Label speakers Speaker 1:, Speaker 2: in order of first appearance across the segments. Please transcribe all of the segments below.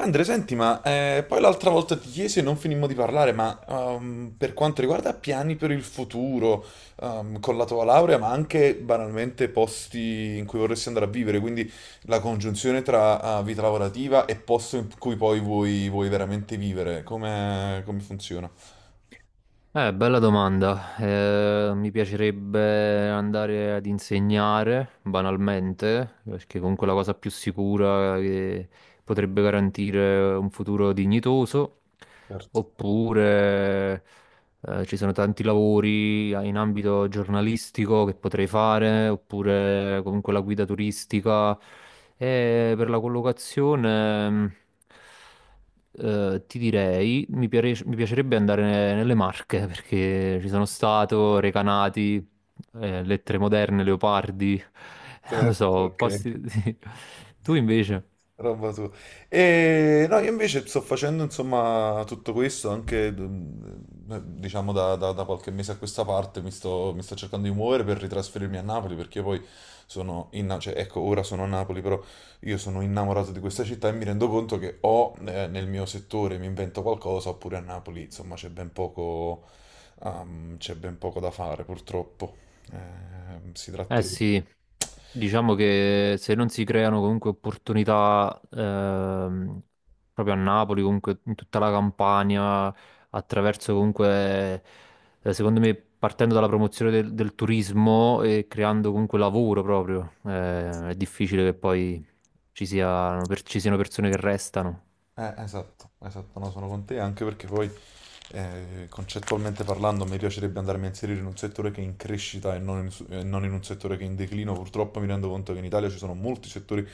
Speaker 1: Andre, senti, poi l'altra volta ti chiesi e non finimmo di parlare, per quanto riguarda piani per il futuro, con la tua laurea, ma anche banalmente posti in cui vorresti andare a vivere, quindi la congiunzione tra vita lavorativa e posto in cui poi vuoi veramente vivere, come, come funziona?
Speaker 2: Bella domanda. Mi piacerebbe andare ad insegnare, banalmente, perché comunque è la cosa più sicura che potrebbe garantire un futuro dignitoso,
Speaker 1: Certo,
Speaker 2: oppure ci sono tanti lavori in ambito giornalistico che potrei fare, oppure comunque la guida turistica. E per la collocazione, ti direi, mi piacerebbe andare nelle Marche, perché ci sono stato, Recanati, Lettere Moderne, Leopardi, non lo
Speaker 1: certo,
Speaker 2: so,
Speaker 1: ok.
Speaker 2: posti Tu invece?
Speaker 1: Roba tua. E no, io invece sto facendo insomma tutto questo anche diciamo da qualche mese a questa parte mi sto cercando di muovere per ritrasferirmi a Napoli, perché io poi sono in, cioè, ecco, ora sono a Napoli, però io sono innamorato di questa città e mi rendo conto che o nel mio settore mi invento qualcosa oppure a Napoli insomma c'è ben poco da fare purtroppo. Si
Speaker 2: Eh
Speaker 1: tratterebbe.
Speaker 2: sì, diciamo che se non si creano comunque opportunità proprio a Napoli, comunque in tutta la Campania, attraverso comunque, secondo me, partendo dalla promozione del turismo e creando comunque lavoro proprio, è difficile che poi ci siano persone che restano,
Speaker 1: Esatto, esatto, no, sono con te, anche perché poi concettualmente parlando mi piacerebbe andarmi a inserire in un settore che è in crescita e non in, su- e non in un settore che è in declino. Purtroppo mi rendo conto che in Italia ci sono molti settori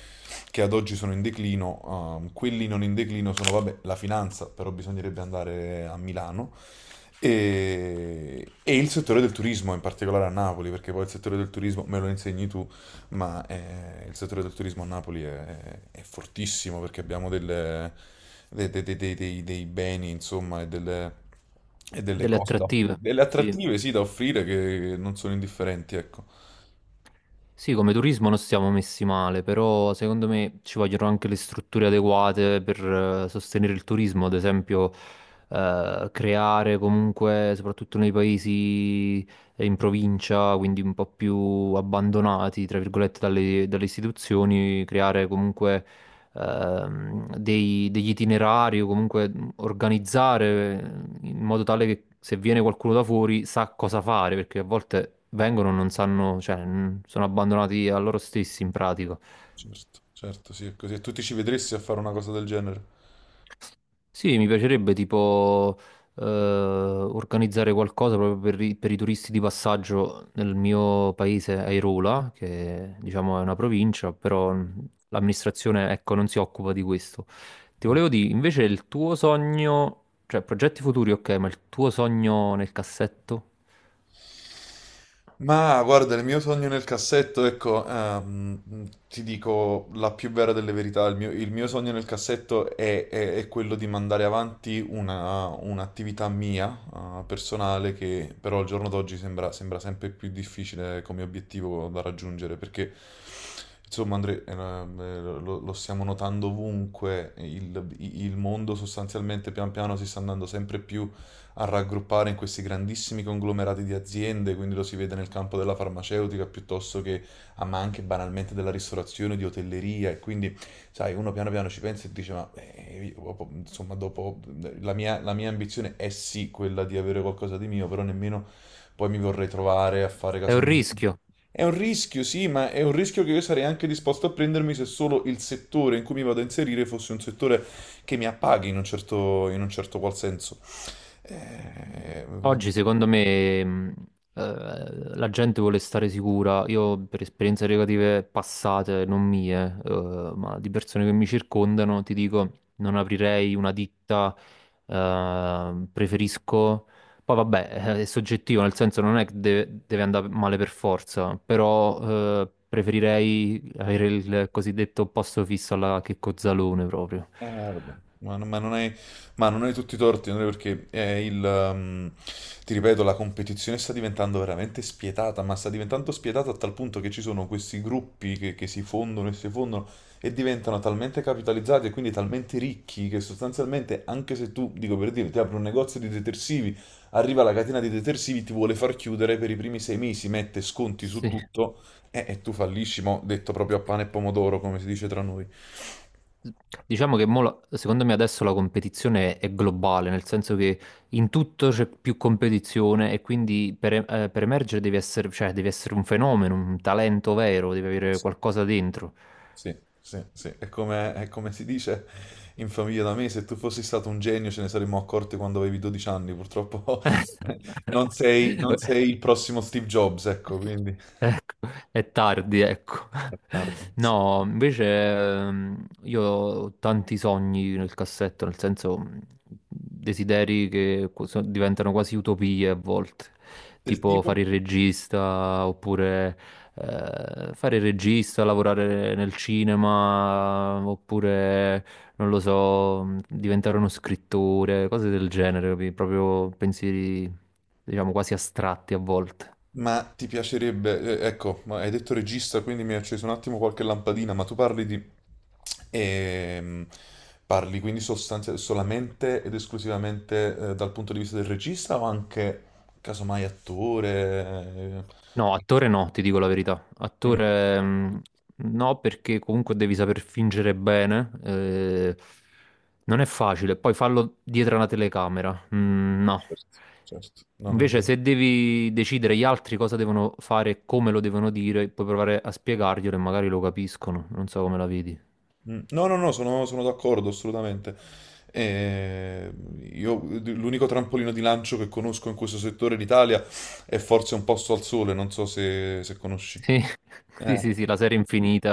Speaker 1: che ad oggi sono in declino, quelli non in declino sono, vabbè, la finanza, però bisognerebbe andare a Milano. E il settore del turismo, in particolare a Napoli, perché poi il settore del turismo me lo insegni tu, ma il settore del turismo a Napoli è fortissimo, perché abbiamo delle, dei beni, insomma, e delle
Speaker 2: delle
Speaker 1: cose da offrire,
Speaker 2: attrattive.
Speaker 1: delle
Speaker 2: Sì.
Speaker 1: attrattive, sì, da offrire che non sono indifferenti, ecco.
Speaker 2: Sì, come turismo non siamo messi male, però secondo me ci vogliono anche le strutture adeguate per sostenere il turismo, ad esempio creare comunque, soprattutto nei paesi in provincia, quindi un po' più abbandonati, tra virgolette, dalle istituzioni, creare comunque degli itinerari o comunque organizzare in modo tale che se viene qualcuno da fuori sa cosa fare, perché a volte vengono e non sanno, cioè, mm, sono abbandonati a loro stessi in pratica.
Speaker 1: Certo, certo, sì, è così. E tu ti ci vedresti a fare una cosa del genere?
Speaker 2: Sì, mi piacerebbe tipo organizzare qualcosa proprio per i turisti di passaggio nel mio paese, Airola, che diciamo è una provincia, però l'amministrazione ecco, non si occupa di questo. Ti
Speaker 1: Eh.
Speaker 2: volevo dire, invece il tuo sogno, cioè progetti futuri, ok, ma il tuo sogno nel cassetto
Speaker 1: Ma guarda, il mio sogno nel cassetto, ecco, ti dico la più vera delle verità, il mio sogno nel cassetto è quello di mandare avanti una, un'attività mia, personale, che però al giorno d'oggi sembra sempre più difficile come obiettivo da raggiungere, perché insomma, Andre, lo stiamo notando ovunque, il mondo sostanzialmente pian piano si sta andando sempre più a raggruppare in questi grandissimi conglomerati di aziende, quindi lo si vede nel campo della farmaceutica piuttosto che, ah, ma anche banalmente della ristorazione, di hotelleria e quindi, sai, uno piano piano ci pensa e dice, ma io, insomma, dopo la mia ambizione è sì quella di avere qualcosa di mio, però nemmeno poi mi vorrei trovare a fare
Speaker 2: è un
Speaker 1: casomai.
Speaker 2: rischio.
Speaker 1: È un rischio, sì, ma è un rischio che io sarei anche disposto a prendermi se solo il settore in cui mi vado a inserire fosse un settore che mi appaghi in un certo qual senso. Eh,
Speaker 2: Oggi secondo me la gente vuole stare sicura, io per esperienze negative passate, non mie, ma di persone che mi circondano, ti dico, non aprirei una ditta, preferisco. Poi vabbè, è soggettivo, nel senso non è che deve, deve andare male per forza, però preferirei avere il cosiddetto posto fisso alla Checco Zalone proprio.
Speaker 1: Eh, vabbè. Ma, non ma non hai, ma non hai tutti i torti, Andrea, perché è il, ti ripeto, la competizione sta diventando veramente spietata, ma sta diventando spietata a tal punto che ci sono questi gruppi che si fondono e diventano talmente capitalizzati e quindi talmente ricchi che sostanzialmente, anche se tu, dico per dire, ti apri un negozio di detersivi, arriva la catena di detersivi, ti vuole far chiudere per i primi sei mesi, mette sconti su
Speaker 2: Sì.
Speaker 1: tutto e tu fallisci, mo, detto proprio a pane e pomodoro, come si dice tra noi.
Speaker 2: Diciamo che secondo me adesso la competizione è globale, nel senso che in tutto c'è più competizione e quindi per emergere devi essere, cioè, devi essere un fenomeno, un talento vero, devi avere qualcosa dentro.
Speaker 1: Sì, sì, sì. È come si dice in famiglia da me, se tu fossi stato un genio ce ne saremmo accorti quando avevi 12 anni, purtroppo non sei, non sei il prossimo Steve Jobs, ecco, quindi
Speaker 2: Ecco, è tardi, ecco.
Speaker 1: è tardi, sì.
Speaker 2: No, invece io ho tanti sogni nel cassetto, nel senso desideri che qu- so- diventano quasi utopie a volte,
Speaker 1: Del
Speaker 2: tipo
Speaker 1: tipo?
Speaker 2: fare il regista oppure lavorare nel cinema oppure, non lo so, diventare uno scrittore, cose del genere, capi? Proprio pensieri, diciamo, quasi astratti a volte.
Speaker 1: Ma ti piacerebbe, ecco, ma hai detto regista, quindi mi hai acceso un attimo qualche lampadina, ma tu parli di... ehm, parli quindi sostanzialmente solamente ed esclusivamente dal punto di vista del regista o anche casomai attore?
Speaker 2: No,
Speaker 1: Eh?
Speaker 2: attore no, ti dico la verità.
Speaker 1: Mm.
Speaker 2: Attore mm, no, perché comunque devi saper fingere bene. Non è facile. Poi fallo dietro una telecamera. Mm, no.
Speaker 1: Certo, certo. No, no.
Speaker 2: Invece, se devi decidere gli altri cosa devono fare e come lo devono dire, puoi provare a spiegarglielo e magari lo capiscono. Non so come la vedi.
Speaker 1: Mm. No, no, no, sono d'accordo assolutamente. Eh, io l'unico trampolino di lancio che conosco in questo settore in Italia è forse Un posto al sole, non so se, se conosci.
Speaker 2: Sì, sì,
Speaker 1: Eh,
Speaker 2: sì, sì, la serie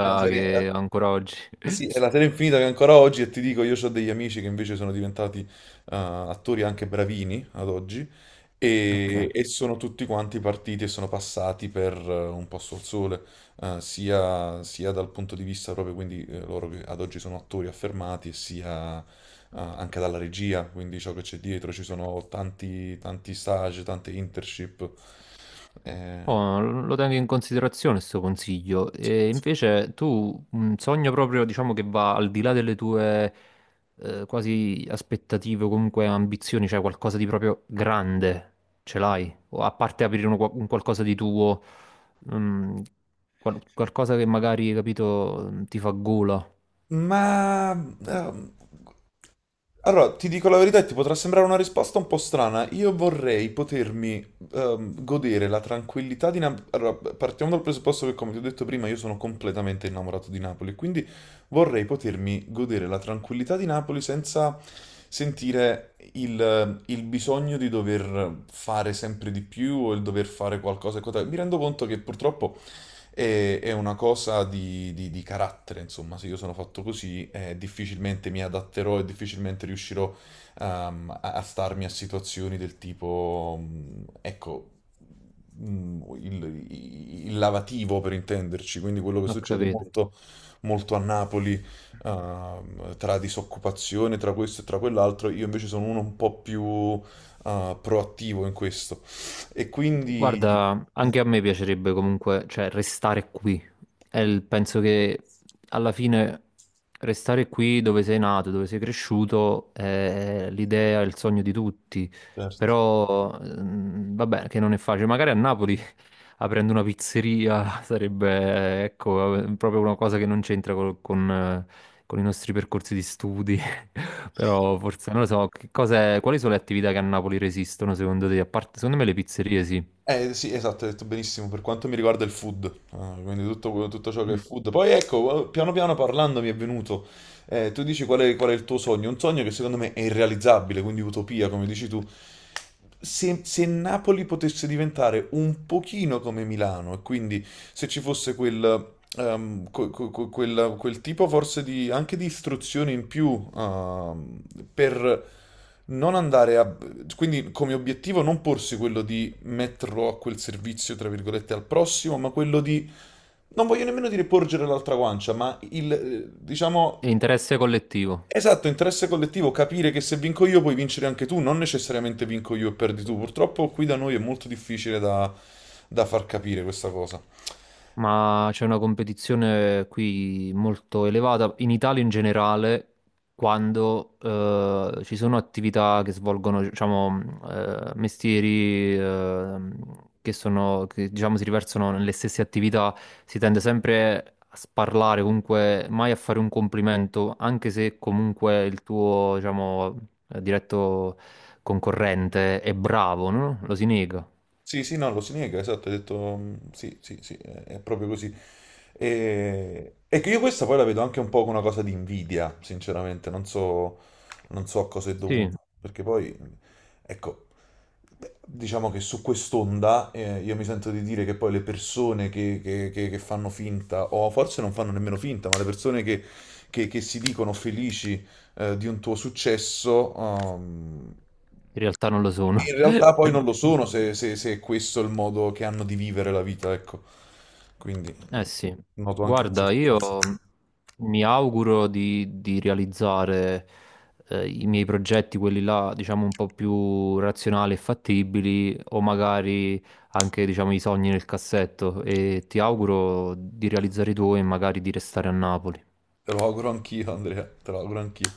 Speaker 1: eh, serie-
Speaker 2: che ancora oggi.
Speaker 1: Sì, è la serie infinita che ancora oggi, e ti dico, io ho degli amici che invece sono diventati attori anche bravini ad oggi,
Speaker 2: Ok.
Speaker 1: e sono tutti quanti partiti e sono passati per un posto al sole, sia dal punto di vista proprio, quindi loro che ad oggi sono attori affermati, e sia anche dalla regia, quindi ciò che c'è dietro, ci sono tanti, tanti stage, tante internship. eh,
Speaker 2: Oh, lo tengo in considerazione questo consiglio. E invece tu un sogno proprio, diciamo, che va al di là delle tue quasi aspettative o comunque ambizioni, cioè qualcosa di proprio grande, ce l'hai? O a parte aprire un qualcosa di tuo, mm, qualcosa che magari, capito, ti fa gola,
Speaker 1: ma ehm, Allora, ti dico la verità, e ti potrà sembrare una risposta un po' strana. Io vorrei potermi godere la tranquillità di Napoli. Allora, partiamo dal presupposto che, come ti ho detto prima, io sono completamente innamorato di Napoli, quindi vorrei potermi godere la tranquillità di Napoli senza sentire il bisogno di dover fare sempre di più o il dover fare qualcosa e quant'altro. Mi rendo conto che purtroppo e è una cosa di carattere, insomma, se io sono fatto così, difficilmente mi adatterò e difficilmente riuscirò, a starmi a situazioni del tipo, mm, ecco, mm, il lavativo per intenderci, quindi quello che
Speaker 2: ho
Speaker 1: succede
Speaker 2: capito.
Speaker 1: molto, molto a Napoli, tra disoccupazione, tra questo e tra quell'altro, io invece sono uno un po' più, proattivo in questo. E quindi...
Speaker 2: Guarda,
Speaker 1: eh,
Speaker 2: anche a me piacerebbe comunque, cioè, restare qui. Penso che alla fine restare qui dove sei nato, dove sei cresciuto, è l'idea, il sogno di tutti.
Speaker 1: certo.
Speaker 2: Però, mm, vabbè, che non è facile. Magari a Napoli, aprendo una pizzeria, sarebbe, ecco, proprio una cosa che non c'entra con i nostri percorsi di studi. Però forse, non lo so, quali sono le attività che a Napoli resistono, secondo te? A parte, secondo me le pizzerie sì.
Speaker 1: Eh sì, esatto, hai detto benissimo per quanto mi riguarda il food. Ah, quindi tutto, tutto ciò che è food. Poi ecco, piano piano parlando mi è venuto, tu dici qual è il tuo sogno, un sogno che secondo me è irrealizzabile, quindi utopia, come dici tu. Se, se Napoli potesse diventare un pochino come Milano, e quindi se ci fosse quel, quel tipo forse di, anche di istruzione in più, per non andare a... Quindi come obiettivo non porsi quello di metterlo a quel servizio, tra virgolette, al prossimo, ma quello di... Non voglio nemmeno dire porgere l'altra guancia, ma il,
Speaker 2: È
Speaker 1: diciamo,
Speaker 2: interesse collettivo,
Speaker 1: esatto, interesse collettivo, capire che se vinco io puoi vincere anche tu, non necessariamente vinco io e perdi tu. Purtroppo qui da noi è molto difficile da far capire questa cosa.
Speaker 2: ma c'è una competizione qui molto elevata in Italia in generale, quando ci sono attività che svolgono, diciamo, mestieri che sono, che, diciamo, si riversano nelle stesse attività, si tende sempre a sparlare, comunque mai a fare un complimento, anche se comunque il tuo, diciamo, diretto concorrente è bravo, no? Lo si nega.
Speaker 1: Sì, sì, no, lo si nega, esatto, hai detto mm, sì, sì, sì, è proprio così. E che io questa poi la vedo anche un po' come una cosa di invidia, sinceramente, non so, non so a cosa è
Speaker 2: Sì.
Speaker 1: dovuto, perché poi, mm, ecco, beh, diciamo che su quest'onda io mi sento di dire che poi le persone che fanno finta, o forse non fanno nemmeno finta, ma le persone che si dicono felici di un tuo successo,
Speaker 2: In realtà non lo sono.
Speaker 1: in realtà poi non lo sono se, se è questo il modo che hanno di vivere la vita, ecco. Quindi
Speaker 2: Eh sì,
Speaker 1: noto anche un
Speaker 2: guarda,
Speaker 1: certo
Speaker 2: io
Speaker 1: falsità.
Speaker 2: mm, mi auguro di realizzare i miei progetti, quelli là, diciamo, un po' più razionali e fattibili, o magari anche, diciamo, i sogni nel cassetto. E ti auguro di realizzare i tuoi e magari di restare a Napoli.
Speaker 1: Te lo auguro anch'io, Andrea, te lo auguro anch'io.